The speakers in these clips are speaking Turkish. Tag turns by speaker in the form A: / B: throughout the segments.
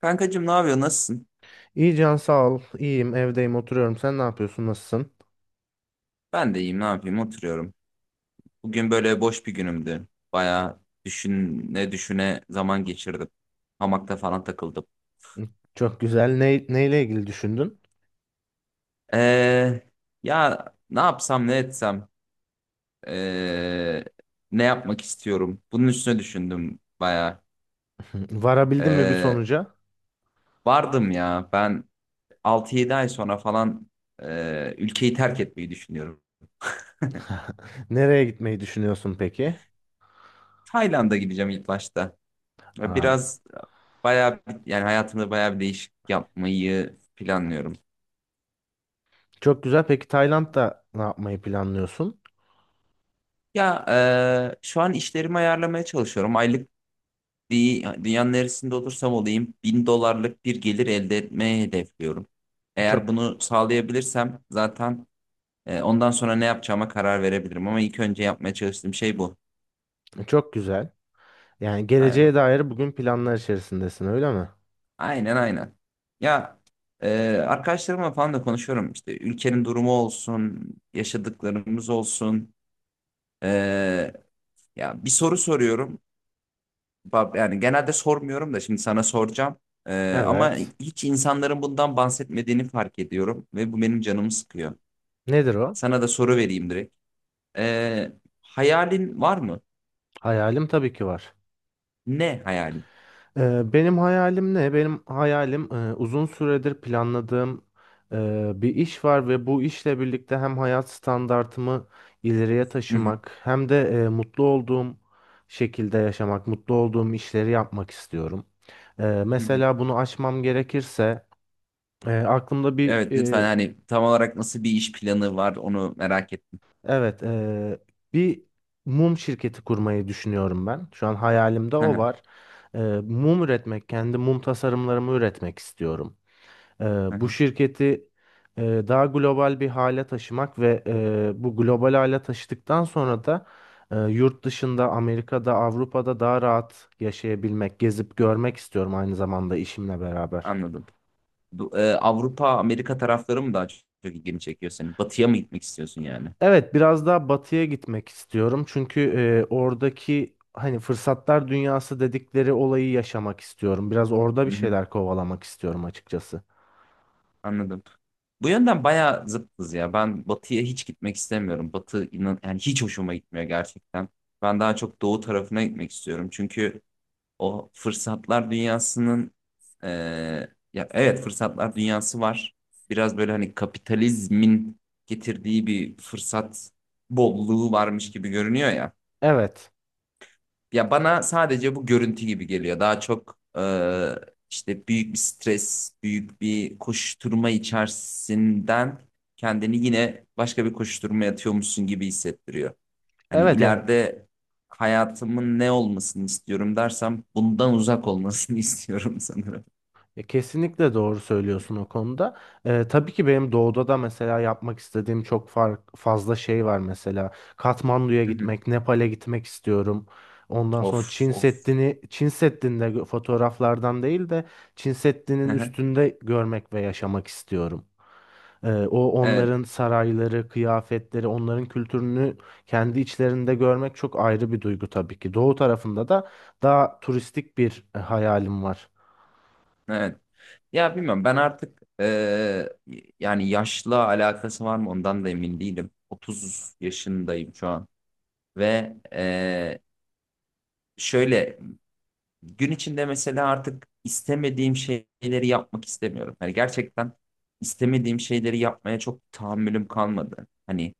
A: Kankacığım ne yapıyor? Nasılsın?
B: İyi Can sağ ol. İyiyim evdeyim oturuyorum. Sen ne yapıyorsun? Nasılsın?
A: Ben de iyiyim. Ne yapayım? Oturuyorum. Bugün böyle boş bir günümdü. Bayağı düşüne düşüne zaman geçirdim. Hamakta falan takıldım.
B: Çok güzel. Neyle ilgili düşündün?
A: Ee, ya ne yapsam ne etsem ee, ne yapmak istiyorum? Bunun üstüne düşündüm bayağı.
B: Varabildin mi bir
A: Ee,
B: sonuca?
A: vardım ya ben 6-7 ay sonra falan ülkeyi terk etmeyi düşünüyorum.
B: Nereye gitmeyi düşünüyorsun peki?
A: Tayland'a gideceğim ilk başta. Ya
B: Aa,
A: Biraz yani hayatımda bayağı bir değişiklik yapmayı planlıyorum.
B: çok güzel. Peki Tayland'da ne yapmayı planlıyorsun?
A: Ya şu an işlerimi ayarlamaya çalışıyorum. Aylık dünyanın neresinde olursam olayım 1.000 dolarlık bir gelir elde etmeyi hedefliyorum.
B: Çok
A: Eğer bunu sağlayabilirsem zaten ondan sonra ne yapacağıma karar verebilirim. Ama ilk önce yapmaya çalıştığım şey bu.
B: çok güzel. Yani geleceğe
A: Aynen.
B: dair bugün planlar içerisindesin öyle mi?
A: Aynen aynen. Ya e, arkadaşlarımla falan da konuşuyorum. İşte ülkenin durumu olsun, yaşadıklarımız olsun. Ya bir soru soruyorum. Yani genelde sormuyorum da şimdi sana soracağım. Ama
B: Evet.
A: hiç insanların bundan bahsetmediğini fark ediyorum ve bu benim canımı sıkıyor.
B: Nedir o?
A: Sana da soru vereyim direkt. Ee, hayalin var mı?
B: Hayalim tabii ki var.
A: Ne hayalin?
B: Benim hayalim ne? Benim hayalim uzun süredir planladığım bir iş var ve bu işle birlikte hem hayat standartımı ileriye
A: Hı hı,
B: taşımak hem de mutlu olduğum şekilde yaşamak, mutlu olduğum işleri yapmak istiyorum.
A: hı hı.
B: Mesela bunu aşmam gerekirse aklımda bir
A: Evet, lütfen
B: e,
A: hani tam olarak nasıl bir iş planı var onu merak ettim.
B: evet bir mum şirketi kurmayı düşünüyorum ben. Şu an hayalimde
A: Hı
B: o
A: hı,
B: var. E, Mum üretmek, kendi mum tasarımlarımı üretmek istiyorum. Ee,
A: hı
B: Bu
A: hı.
B: şirketi e, daha global bir hale taşımak ve bu global hale taşıdıktan sonra da yurt dışında Amerika'da, Avrupa'da daha rahat yaşayabilmek, gezip görmek istiyorum aynı zamanda işimle beraber.
A: Anladım. Bu, Avrupa, Amerika tarafları mı daha çok ilgini çekiyor senin? Batıya mı gitmek istiyorsun yani?
B: Evet, biraz daha batıya gitmek istiyorum çünkü oradaki hani fırsatlar dünyası dedikleri olayı yaşamak istiyorum. Biraz orada bir şeyler kovalamak istiyorum açıkçası.
A: Anladım. Bu yönden bayağı zıttız ya. Ben batıya hiç gitmek istemiyorum. Batı inan yani hiç hoşuma gitmiyor gerçekten. Ben daha çok doğu tarafına gitmek istiyorum. Çünkü o fırsatlar dünyasının e, ya evet fırsatlar dünyası var. Biraz böyle hani kapitalizmin getirdiği bir fırsat bolluğu varmış gibi görünüyor ya.
B: Evet.
A: Ya bana sadece bu görüntü gibi geliyor. Daha çok işte büyük bir stres, büyük bir koşturma içerisinden kendini yine başka bir koşturmaya atıyormuşsun gibi hissettiriyor. Hani
B: Evet yani,
A: ileride hayatımın ne olmasını istiyorum dersem bundan uzak olmasını istiyorum sanırım.
B: ya kesinlikle doğru söylüyorsun o konuda. Tabii ki benim doğuda da mesela yapmak istediğim çok fazla şey var mesela. Katmandu'ya
A: Hı hı.
B: gitmek, Nepal'e gitmek istiyorum. Ondan sonra
A: Of
B: Çin
A: of.
B: Seddi'ni, Çin Seddi'nde gö- fotoğraflardan değil de Çin Seddi'nin
A: Hı hı.
B: üstünde görmek ve yaşamak istiyorum. O
A: Evet,
B: Onların sarayları, kıyafetleri, onların kültürünü kendi içlerinde görmek çok ayrı bir duygu tabii ki. Doğu tarafında da daha turistik bir hayalim var.
A: evet. Ya bilmiyorum ben artık yani yaşla alakası var mı ondan da emin değilim. 30 yaşındayım şu an. Ve şöyle gün içinde mesela artık istemediğim şeyleri yapmak istemiyorum. Hani gerçekten istemediğim şeyleri yapmaya çok tahammülüm kalmadı. Hani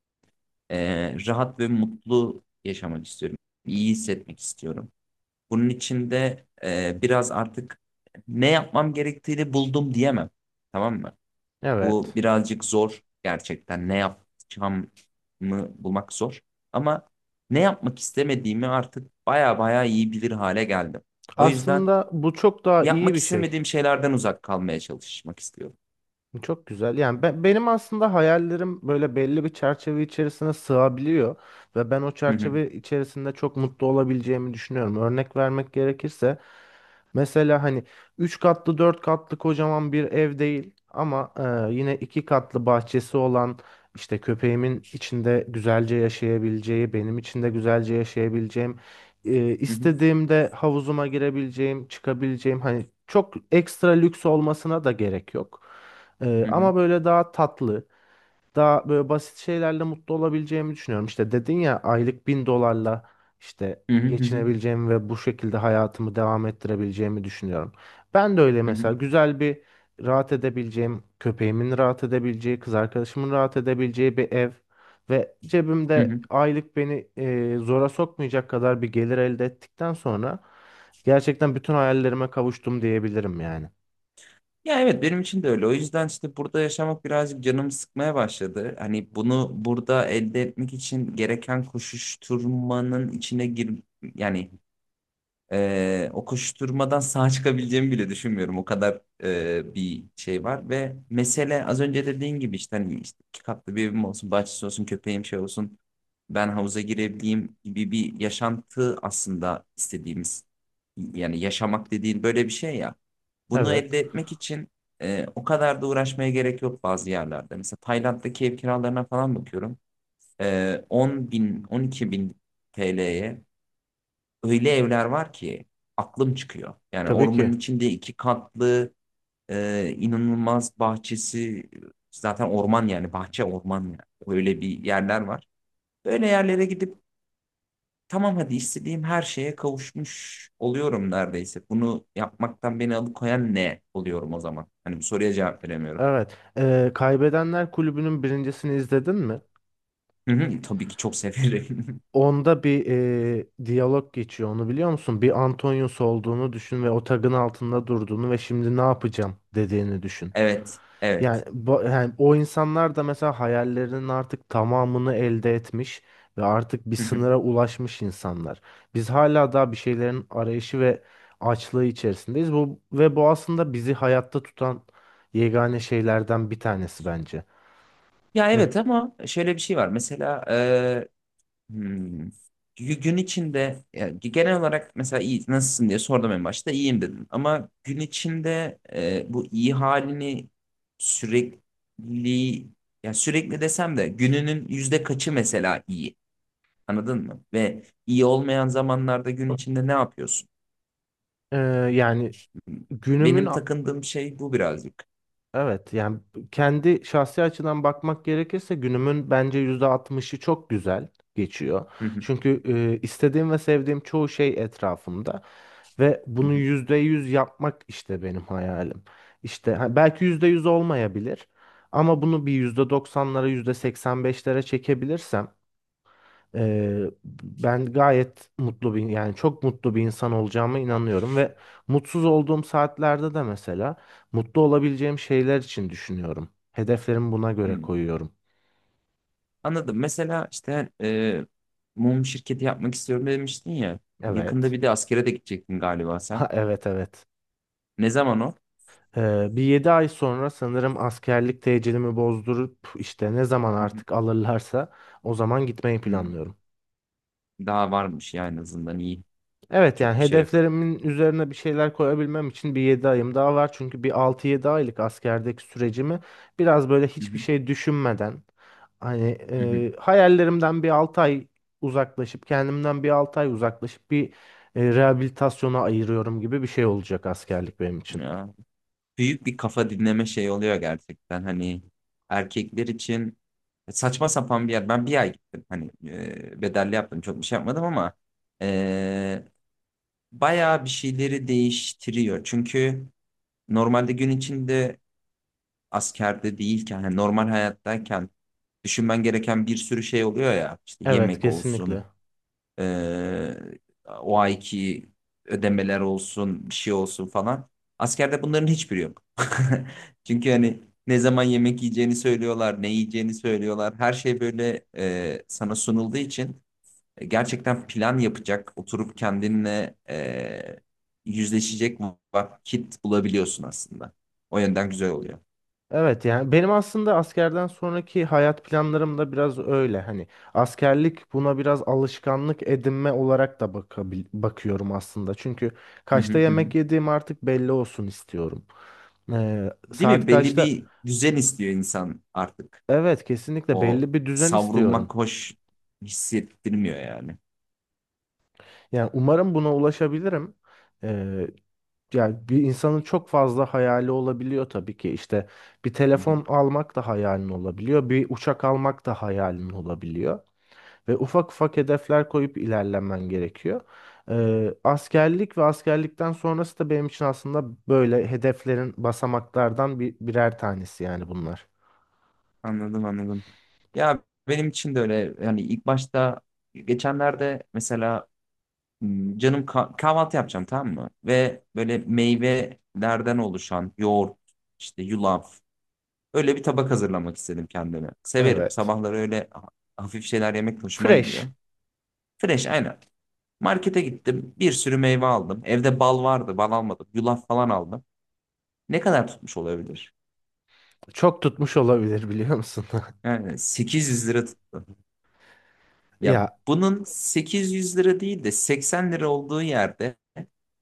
A: rahat ve mutlu yaşamak istiyorum. İyi hissetmek istiyorum. Bunun için de biraz artık ne yapmam gerektiğini buldum diyemem. Tamam mı? Bu
B: Evet.
A: birazcık zor gerçekten. Ne yapacağımı bulmak zor. Ama ne yapmak istemediğimi artık baya baya iyi bilir hale geldim. O yüzden
B: Aslında bu çok daha iyi
A: yapmak
B: bir şey.
A: istemediğim şeylerden uzak kalmaya çalışmak istiyorum.
B: Çok güzel. Yani benim aslında hayallerim böyle belli bir çerçeve içerisine sığabiliyor ve ben o
A: Hı hı,
B: çerçeve içerisinde çok mutlu olabileceğimi düşünüyorum. Örnek vermek gerekirse mesela hani 3 katlı 4 katlı kocaman bir ev değil ama yine 2 katlı bahçesi olan işte köpeğimin içinde güzelce yaşayabileceği, benim içinde güzelce yaşayabileceğim,
A: hı hı,
B: istediğimde havuzuma girebileceğim, çıkabileceğim hani çok ekstra lüks olmasına da gerek yok.
A: hı hı,
B: Ama böyle daha tatlı, daha böyle basit şeylerle mutlu olabileceğimi düşünüyorum. İşte dedin ya aylık 1.000 dolarla işte
A: hı hı, hı hı,
B: geçinebileceğimi ve bu şekilde hayatımı devam ettirebileceğimi düşünüyorum. Ben de öyle
A: hı hı,
B: mesela güzel bir rahat edebileceğim, köpeğimin rahat edebileceği, kız arkadaşımın rahat edebileceği bir ev ve
A: hı
B: cebimde
A: hı.
B: aylık beni zora sokmayacak kadar bir gelir elde ettikten sonra gerçekten bütün hayallerime kavuştum diyebilirim yani.
A: Ya evet benim için de öyle. O yüzden işte burada yaşamak birazcık canımı sıkmaya başladı. Hani bunu burada elde etmek için gereken koşuşturmanın içine yani, o koşuşturmadan sağ çıkabileceğimi bile düşünmüyorum. O kadar bir şey var ve mesele az önce dediğin gibi işte hani işte iki katlı bir evim olsun, bahçesi olsun, köpeğim şey olsun, ben havuza girebileyim gibi bir yaşantı aslında istediğimiz yani yaşamak dediğin böyle bir şey ya. Bunu
B: Evet,
A: elde etmek için o kadar da uğraşmaya gerek yok bazı yerlerde. Mesela Tayland'daki ev kiralarına falan bakıyorum. 10 bin, 12 bin TL'ye öyle evler var ki aklım çıkıyor. Yani
B: tabii ki.
A: ormanın içinde iki katlı inanılmaz bahçesi, zaten orman yani, bahçe orman yani. Öyle bir yerler var. Böyle yerlere gidip tamam hadi istediğim her şeye kavuşmuş oluyorum neredeyse. Bunu yapmaktan beni alıkoyan ne oluyorum o zaman? Hani bu soruya cevap veremiyorum.
B: Evet. Kaybedenler Kulübü'nün birincisini izledin mi?
A: Hı hı, tabii ki çok severim.
B: Onda bir diyalog geçiyor. Onu biliyor musun? Bir Antonius olduğunu düşün ve o tagın altında durduğunu ve şimdi ne yapacağım dediğini düşün.
A: Evet,
B: Yani,
A: evet.
B: yani o insanlar da mesela hayallerinin artık tamamını elde etmiş ve artık bir
A: Hı hı.
B: sınıra ulaşmış insanlar. Biz hala daha bir şeylerin arayışı ve açlığı içerisindeyiz. Bu ve bu aslında bizi hayatta tutan yegane şeylerden bir tanesi bence.
A: Ya
B: Mes-
A: evet ama şöyle bir şey var. Mesela. Hmm. Gün içinde ya, genel olarak mesela iyi nasılsın diye sordum en başta iyiyim dedim. Ama gün içinde bu iyi halini sürekli, ya sürekli desem de gününün yüzde kaçı mesela iyi, anladın mı? Ve iyi olmayan zamanlarda gün içinde ne yapıyorsun?
B: Ee, Yani
A: Hmm.
B: günümün
A: Benim
B: a-
A: takındığım şey bu birazcık.
B: evet, yani kendi şahsi açıdan bakmak gerekirse günümün bence %60'ı çok güzel geçiyor.
A: Hı hı,
B: Çünkü istediğim ve sevdiğim çoğu şey etrafımda ve
A: hı
B: bunu
A: hı,
B: %100 yapmak işte benim hayalim. İşte ha, belki %100 olmayabilir ama bunu bir %90'lara %85'lere çekebilirsem ben gayet mutlu bir yani çok mutlu bir insan olacağıma inanıyorum ve mutsuz olduğum saatlerde de mesela mutlu olabileceğim şeyler için düşünüyorum. Hedeflerimi buna göre
A: hı.
B: koyuyorum.
A: Anladım. Mesela işte mum şirketi yapmak istiyorum demiştin ya. Yakında
B: Evet.
A: bir de askere de gidecektin galiba
B: Ha,
A: sen.
B: evet, evet.
A: Ne zaman o?
B: Bir 7 ay sonra sanırım askerlik tecilimi bozdurup işte ne zaman
A: Hı hı.
B: artık alırlarsa o zaman gitmeyi
A: Hmm.
B: planlıyorum.
A: Daha varmış ya en azından iyi.
B: Evet
A: Çok
B: yani
A: bir şey yok.
B: hedeflerimin üzerine bir şeyler koyabilmem için bir 7 ayım daha var. Çünkü bir altı yedi aylık askerdeki sürecimi biraz böyle
A: Hı
B: hiçbir
A: hı.
B: şey düşünmeden hani
A: Hı hı.
B: hayallerimden bir 6 ay uzaklaşıp kendimden bir 6 ay uzaklaşıp bir rehabilitasyona ayırıyorum gibi bir şey olacak askerlik benim için.
A: Ya, büyük bir kafa dinleme şey oluyor gerçekten. Hani erkekler için saçma sapan bir yer. Ben bir ay gittim. Hani bedelli yaptım. Çok bir şey yapmadım ama e, bayağı bir şeyleri değiştiriyor. Çünkü normalde gün içinde askerde değilken, hani normal hayattayken düşünmen gereken bir sürü şey oluyor ya. İşte
B: Evet
A: yemek
B: kesinlikle.
A: olsun, Ee, o ayki ödemeler olsun, bir şey olsun falan. Askerde bunların hiçbiri yok. Çünkü hani ne zaman yemek yiyeceğini söylüyorlar, ne yiyeceğini söylüyorlar. Her şey böyle sana sunulduğu için gerçekten plan yapacak, oturup kendinle yüzleşecek vakit bulabiliyorsun aslında. O yönden güzel oluyor.
B: Evet yani benim aslında askerden sonraki hayat planlarım da biraz öyle hani askerlik buna biraz alışkanlık edinme olarak da bakıyorum aslında çünkü
A: Hı hı
B: kaçta
A: hı. Hı.
B: yemek yediğim artık belli olsun istiyorum.
A: Değil
B: Saat
A: mi? Belli
B: kaçta
A: bir düzen istiyor insan artık.
B: Evet, kesinlikle
A: O
B: belli bir düzen istiyorum
A: savrulmak hoş hissettirmiyor yani.
B: yani umarım buna ulaşabilirim. Ee, Yani bir insanın çok fazla hayali olabiliyor tabii ki işte bir
A: Hı hı.
B: telefon almak da hayalin olabiliyor bir uçak almak da hayalin olabiliyor. Ve ufak ufak hedefler koyup ilerlemen gerekiyor. Askerlik ve askerlikten sonrası da benim için aslında böyle hedeflerin basamaklardan birer tanesi yani bunlar.
A: Anladım anladım. Ya benim için de öyle yani ilk başta geçenlerde mesela canım kahvaltı yapacağım, tamam mı? Ve böyle meyvelerden oluşan yoğurt, işte yulaf, öyle bir tabak hazırlamak istedim kendime. Severim
B: Evet.
A: sabahları, öyle hafif şeyler yemek hoşuma
B: Fresh.
A: gidiyor. Fresh aynen. Markete gittim, bir sürü meyve aldım. Evde bal vardı, bal almadım. Yulaf falan aldım. Ne kadar tutmuş olabilir?
B: Çok tutmuş olabilir biliyor musun?
A: Yani 800 lira tuttu. Ya
B: Ya
A: bunun 800 lira değil de 80 lira olduğu yerde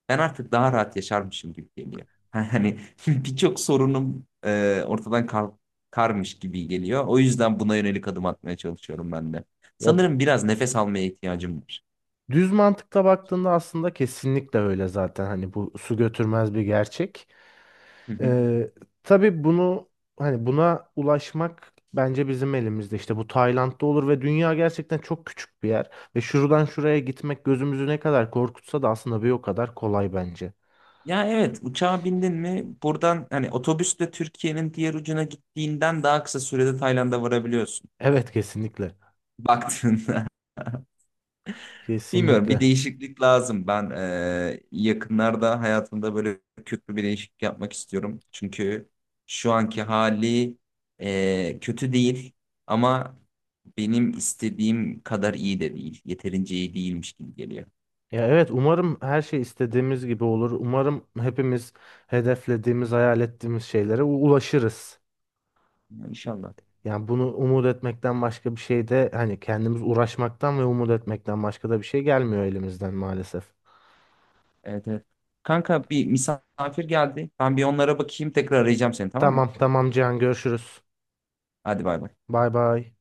A: ben artık daha rahat yaşarmışım gibi geliyor. Hani birçok sorunum ortadan karmış gibi geliyor. O yüzden buna yönelik adım atmaya çalışıyorum ben de.
B: ya
A: Sanırım biraz nefes almaya ihtiyacım var.
B: düz mantıkla baktığında aslında kesinlikle öyle zaten. Hani bu su götürmez bir gerçek.
A: Hı hı.
B: Ee, tabii bunu hani buna ulaşmak bence bizim elimizde. İşte bu Tayland'da olur ve dünya gerçekten çok küçük bir yer ve şuradan şuraya gitmek gözümüzü ne kadar korkutsa da aslında bir o kadar kolay bence.
A: Ya evet, uçağa bindin mi buradan hani otobüsle Türkiye'nin diğer ucuna gittiğinden daha kısa sürede Tayland'a varabiliyorsun.
B: Evet kesinlikle.
A: Baktığında. Bilmiyorum, bir
B: Kesinlikle.
A: değişiklik lazım. Ben yakınlarda hayatımda böyle köklü bir değişiklik yapmak istiyorum. Çünkü şu anki hali kötü değil ama benim istediğim kadar iyi de değil. Yeterince iyi değilmiş gibi geliyor.
B: Ya evet umarım her şey istediğimiz gibi olur. Umarım hepimiz hedeflediğimiz, hayal ettiğimiz şeylere ulaşırız.
A: Yani İnşallah.
B: Yani bunu umut etmekten başka bir şey de hani kendimiz uğraşmaktan ve umut etmekten başka da bir şey gelmiyor elimizden maalesef.
A: Evet, evet. Kanka, bir misafir geldi. Ben bir onlara bakayım, tekrar arayacağım seni, tamam
B: Tamam
A: mı?
B: tamam Cihan görüşürüz.
A: Hadi, bay bay.
B: Bay bay.